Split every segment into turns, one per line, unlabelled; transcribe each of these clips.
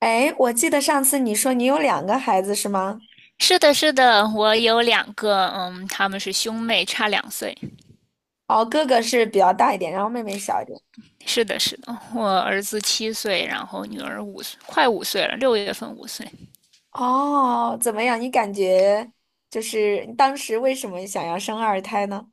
哎，我记得上次你说你有两个孩子是吗？
是的，是的，我有两个，嗯，他们是兄妹，差两岁。
哦，哥哥是比较大一点，然后妹妹小一点。
是的，是的，我儿子七岁，然后女儿五岁，快五岁了，6月份五岁。
哦，怎么样？你感觉就是你当时为什么想要生二胎呢？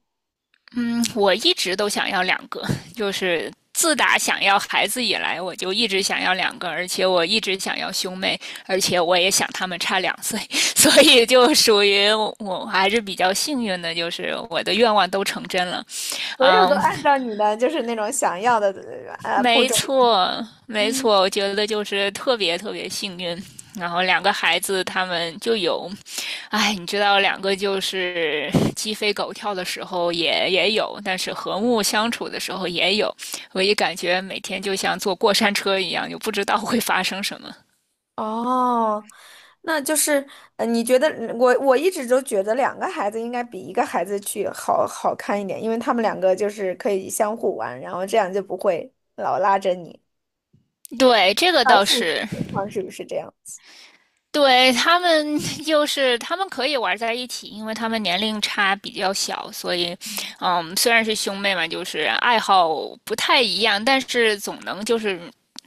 嗯，我一直都想要两个，就是自打想要孩子以来，我就一直想要两个，而且我一直想要兄妹，而且我也想他们差两岁，所以就属于我还是比较幸运的，就是我的愿望都成真了。
所有都
嗯，
按照你的就是那种想要的步
没
骤。
错，没
嗯，
错，我觉得就是特别特别幸运。然后两个孩子他们就有，哎，你知道，两个就是鸡飞狗跳的时候也有，但是和睦相处的时候也有。我也感觉每天就像坐过山车一样，就不知道会发生什么。
哦，那就是你觉得我一直都觉得两个孩子应该比一个孩子去好好看一点，因为他们两个就是可以相互玩，然后这样就不会老拉着你。
对，这个
到
倒
现实
是，
情况是不是这样？
对，他们 就是他们可以玩在一起，因为他们年龄差比较小，所以，嗯，虽然是兄妹嘛，就是爱好不太一样，但是总能就是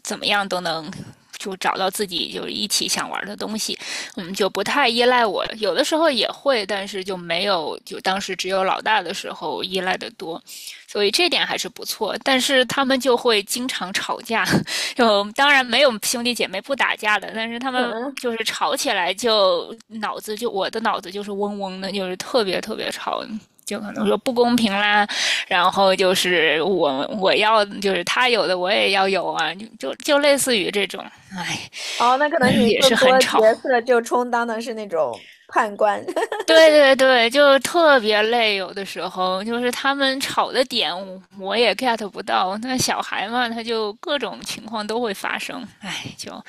怎么样都能就找到自己就是一起想玩的东西，嗯，就不太依赖我，有的时候也会，但是就没有就当时只有老大的时候依赖的多，所以这点还是不错，但是他们就会经常吵架。就当然没有兄弟姐妹不打架的，但是他
嗯
们
嗯，
就是吵起来就脑子就我的脑子就是嗡嗡的，就是特别特别吵，就可能说不公平啦，然后就是我要就是他有的我也要有啊，就类似于这种，哎，
哦，那可能你
也是
更
很
多角
吵。
色就充当的是那种判官。
对对对，就特别累，有的时候就是他们吵的点我也 get 不到，那小孩嘛，他就各种情况都会发生，哎，就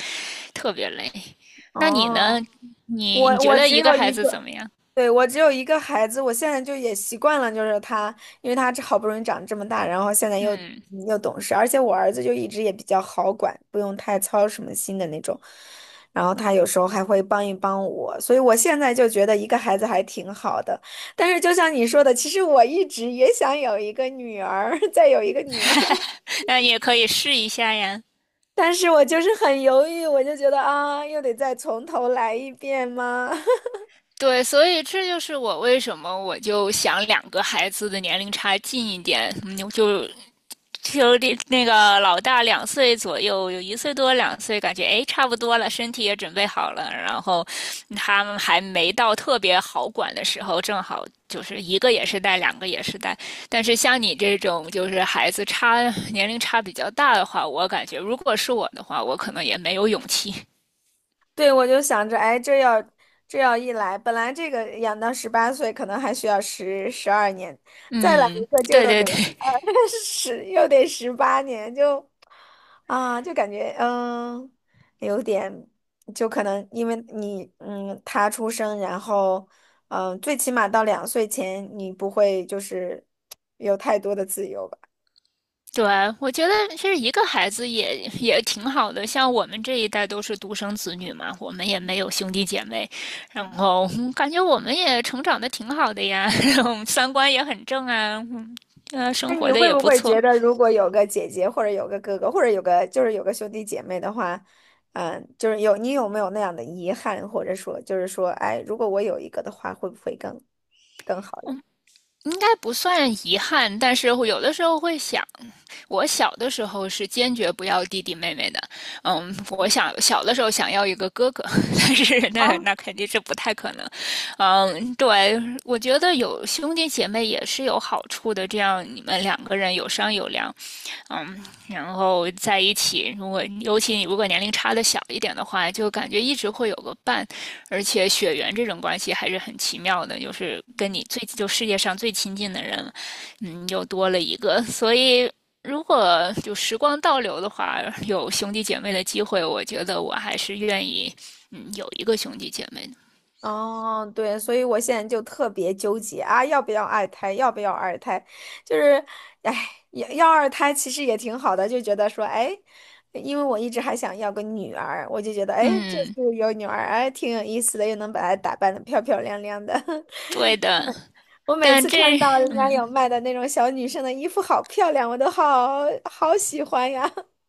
特别累。那你呢？
哦，
你
我
觉
我
得
只
一个
有
孩
一
子
个，
怎么样？
对，我只有一个孩子，我现在就也习惯了，就是他，因为他这好不容易长这么大，然后现在又
嗯，
又懂事，而且我儿子就一直也比较好管，不用太操什么心的那种，然后他有时候还会帮一帮我，所以我现在就觉得一个孩子还挺好的。但是就像你说的，其实我一直也想有一个女儿，再有一个女儿。
那也可以试一下呀。
但是我就是很犹豫，我就觉得啊，又得再从头来一遍吗？
对，所以这就是我为什么就想两个孩子的年龄差近一点，嗯就就那个老大两岁左右，有1岁多两岁，感觉哎差不多了，身体也准备好了，然后他们还没到特别好管的时候，正好就是一个也是带，两个也是带。但是像你这种就是孩子差年龄差比较大的话，我感觉如果是我的话，我可能也没有勇气。
对，我就想着，哎，这要一来，本来这个养到18岁可能还需要十二年，再来一
嗯，
个就
对
又
对
得
对
呃 又得18年，就啊，就感觉有点，就可能因为你他出生，然后嗯，最起码到2岁前，你不会就是有太多的自由吧。
对啊，我觉得其实一个孩子也挺好的。像我们这一代都是独生子女嘛，我们也没有兄弟姐妹，然后嗯感觉我们也成长的挺好的呀，然后三观也很正啊，嗯，生
那你
活的
会
也
不
不
会觉
错。
得，如果有个姐姐或者有个哥哥，或者有个就是有个兄弟姐妹的话，嗯，就是你有没有那样的遗憾，或者说就是说，哎，如果我有一个的话，会不会更好一点？
应该不算遗憾，但是会有的时候会想，我小的时候是坚决不要弟弟妹妹的。嗯，我想小的时候想要一个哥哥，但是
啊
那肯定是不太可能。嗯，对，我觉得有兄弟姐妹也是有好处的，这样你们两个人有商有量，嗯，然后在一起，如果尤其你如果年龄差的小一点的话，就感觉一直会有个伴，而且血缘这种关系还是很奇妙的，就是跟你最就世界上最亲近的人，嗯，又多了一个。所以如果就时光倒流的话，有兄弟姐妹的机会，我觉得我还是愿意，嗯，有一个兄弟姐妹的。
哦，对，所以我现在就特别纠结啊，要不要二胎？要不要二胎？就是，哎，要二胎其实也挺好的，就觉得说，哎，因为我一直还想要个女儿，我就觉得，哎，这
嗯，
次有女儿，哎，挺有意思的，又能把她打扮的漂漂亮亮的。
对的，
我每
但
次看
这
到人家有卖的那种小女生的衣服，好漂亮，我都好好喜欢呀！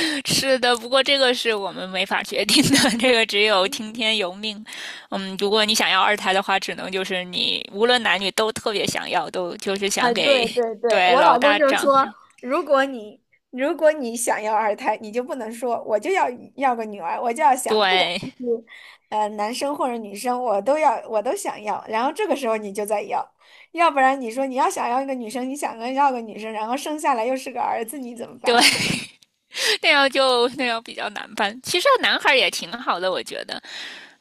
是的，不过这个是我们没法决定的，这个只有听天由命。嗯，如果你想要2胎的话，只能就是你无论男女都特别想要，都就是
啊，
想
对
给
对对，
对
我
老
老公
大
就
长，
说，如果你如果你想要二胎，你就不能说我就要个女儿，我就要想，不管他
对
是男生或者女生，我都想要。然后这个时候你就在要，要不然你说你要想要一个女生，你想要个女生，然后生下来又是个儿子，你怎么
对。
办？
那样就那样比较难办。其实男孩儿也挺好的，我觉得，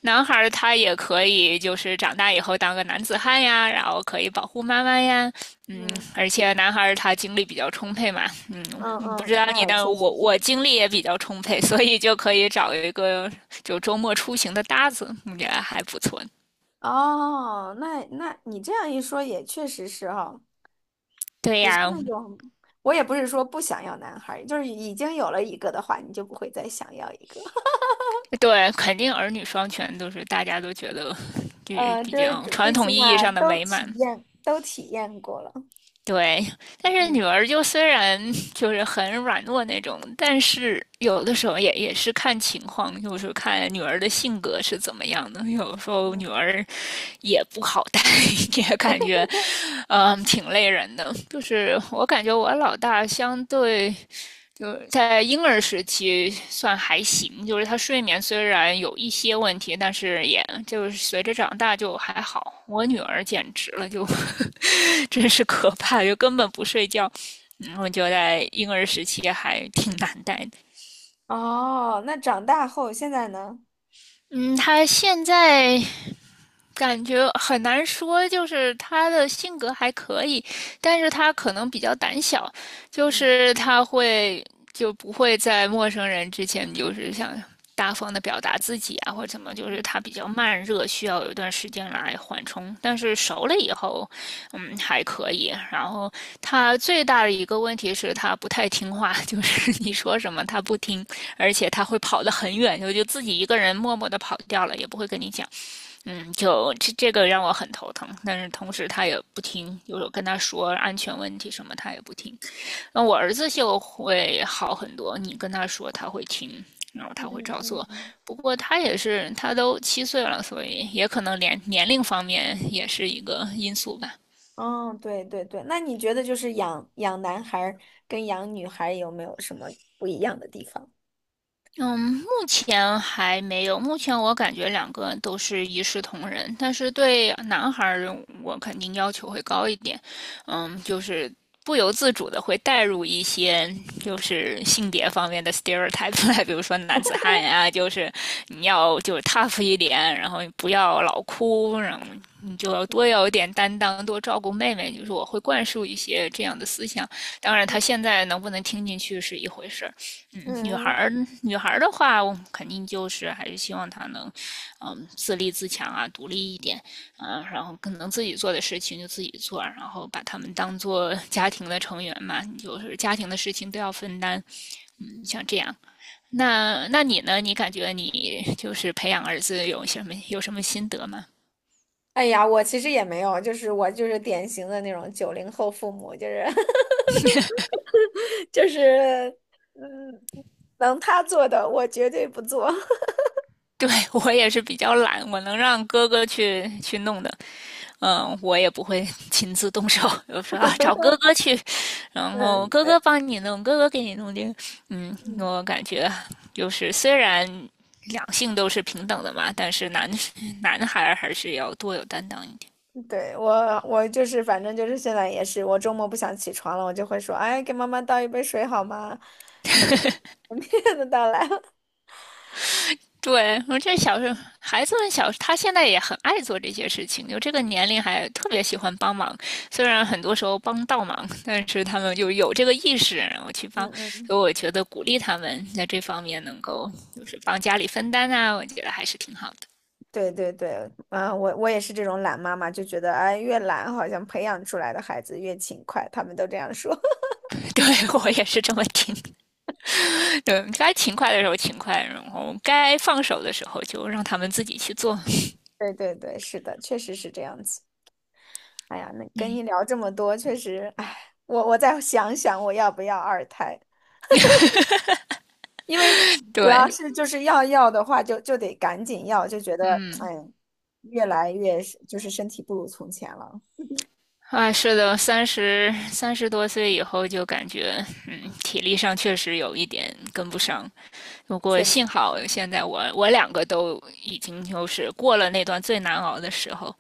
男孩儿他也可以就是长大以后当个男子汉呀，然后可以保护妈妈呀，嗯，
嗯
而且男孩儿他精力比较充沛嘛，
嗯
嗯，不
嗯，
知道你
那也
那
确
我
实是。
我精力也比较充沛，所以就可以找一个就周末出行的搭子，我觉得还不错。
哦，那你这样一说也确实是哈，
对
是
呀，
那种我也不是说不想要男孩儿，就是已经有了一个的话，你就不会再想要一个。
对，肯定儿女双全都是大家都觉得就是比
就是
较
最
传
最
统
起
意义
码
上的
都
美
体
满。
验都体验过了。
对，但是
嗯，
女儿就虽然 就是很软弱那种，但是有的时候也是看情况，就是看女儿的性格是怎么样的。有时候女儿也不好带，也感觉，嗯，挺累人的。就是我感觉我老大相对就是在婴儿时期算还行，就是他睡眠虽然有一些问题，但是也就是随着长大就还好。我女儿简直了，就 真是可怕，就根本不睡觉。嗯，我觉得在婴儿时期还挺难带的。
哦，那长大后现在呢？
嗯，他现在感觉很难说，就是他的性格还可以，但是他可能比较胆小，就
嗯
是他会就不会在陌生人之前就是想大方的表达自己啊，或者怎么，就是他
嗯
比较慢热，需要有一段时间来缓冲。但是熟了以后，嗯，还可以。然后他最大的一个问题是他不太听话，就是你说什么他不听，而且他会跑得很远，就自己一个人默默的跑掉了，也不会跟你讲。嗯，就这个让我很头疼，但是同时他也不听，有时候跟他说安全问题什么，他也不听。那我儿子就会好很多，你跟他说他会听，然后
嗯
他会照
嗯
做。
嗯。
不过他也是，他都七岁了，所以也可能年龄方面也是一个因素吧。
哦，对对对，那你觉得就是养男孩儿跟养女孩儿有没有什么不一样的地方？
嗯，目前还没有。目前我感觉两个都是一视同仁，但是对男孩儿我肯定要求会高一点。嗯，就是不由自主的会带入一些就是性别方面的 stereotype 来，比如说男子汉呀，就是你要就是 tough 一点，然后不要老哭，然后你就要多有一点担当，多照顾妹妹。就是我会灌输一些这样的思想。当然，他现在能不能听进去是一回事儿。嗯，女孩
嗯
儿，女孩儿的话，我肯定就是还是希望她能，嗯，自立自强啊，独立一点，啊，然后可能自己做的事情就自己做，然后把他们当做 家庭的成员嘛，就是家庭的事情都要分担，嗯，像这样。那那你呢？你感觉你就是培养儿子有什么心得吗？
哎呀，我其实也没有，就是我就是典型的那种90后父母，就是 就是嗯，能他做的我绝对不做。
对，我也是比较懒，我能让哥哥去弄的。嗯，我也不会 亲自动手，就说啊找哥哥去，然后
嗯，
哥哥
对，
帮你弄，哥哥给你弄定。嗯，
嗯，
我感觉就是虽然2性都是平等的嘛，但是男 男孩还是要多有担当一点。
对，我就是反正就是现在也是，我周末不想起床了，我就会说，哎，给妈妈倒一杯水好吗？他就 的倒来了。
对，我这小时候孩子们小，他现在也很爱做这些事情，就这个年龄还特别喜欢帮忙。虽然很多时候帮倒忙，但是他们就有这个意识，然后去
嗯
帮。所
嗯，
以我觉得鼓励他们在这方面能够就是帮家里分担啊，我觉得还是挺好的。
对对对，啊，我也是这种懒妈妈，就觉得哎，越懒好像培养出来的孩子越勤快，他们都这样说。
对我也是这么听。对，该勤快的时候勤快，然后该放手的时候就让他们自己去做。
对对对，是的，确实是这样子。哎呀，那跟你聊这么多，确实，哎，我再想想我要不要二胎，因为主要
对，
是就是要的话就得赶紧要，就觉得
嗯。
哎，越来越是就是身体不如从前了，
啊，是的，三十多岁以后就感觉，嗯，体力上确实有一点跟不上。不过
确实，
幸好现在我两个都已经就是过了那段最难熬的时候。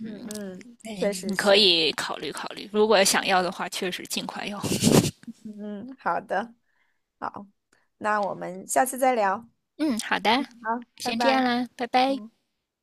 嗯嗯，确
嗯，
实
你可
是，
以考虑考虑，如果想要的话，确实尽快要。
嗯嗯，好的，好，那我们下次再聊，
嗯，好的，
好，拜
先这样
拜。
啦，拜拜。
嗯。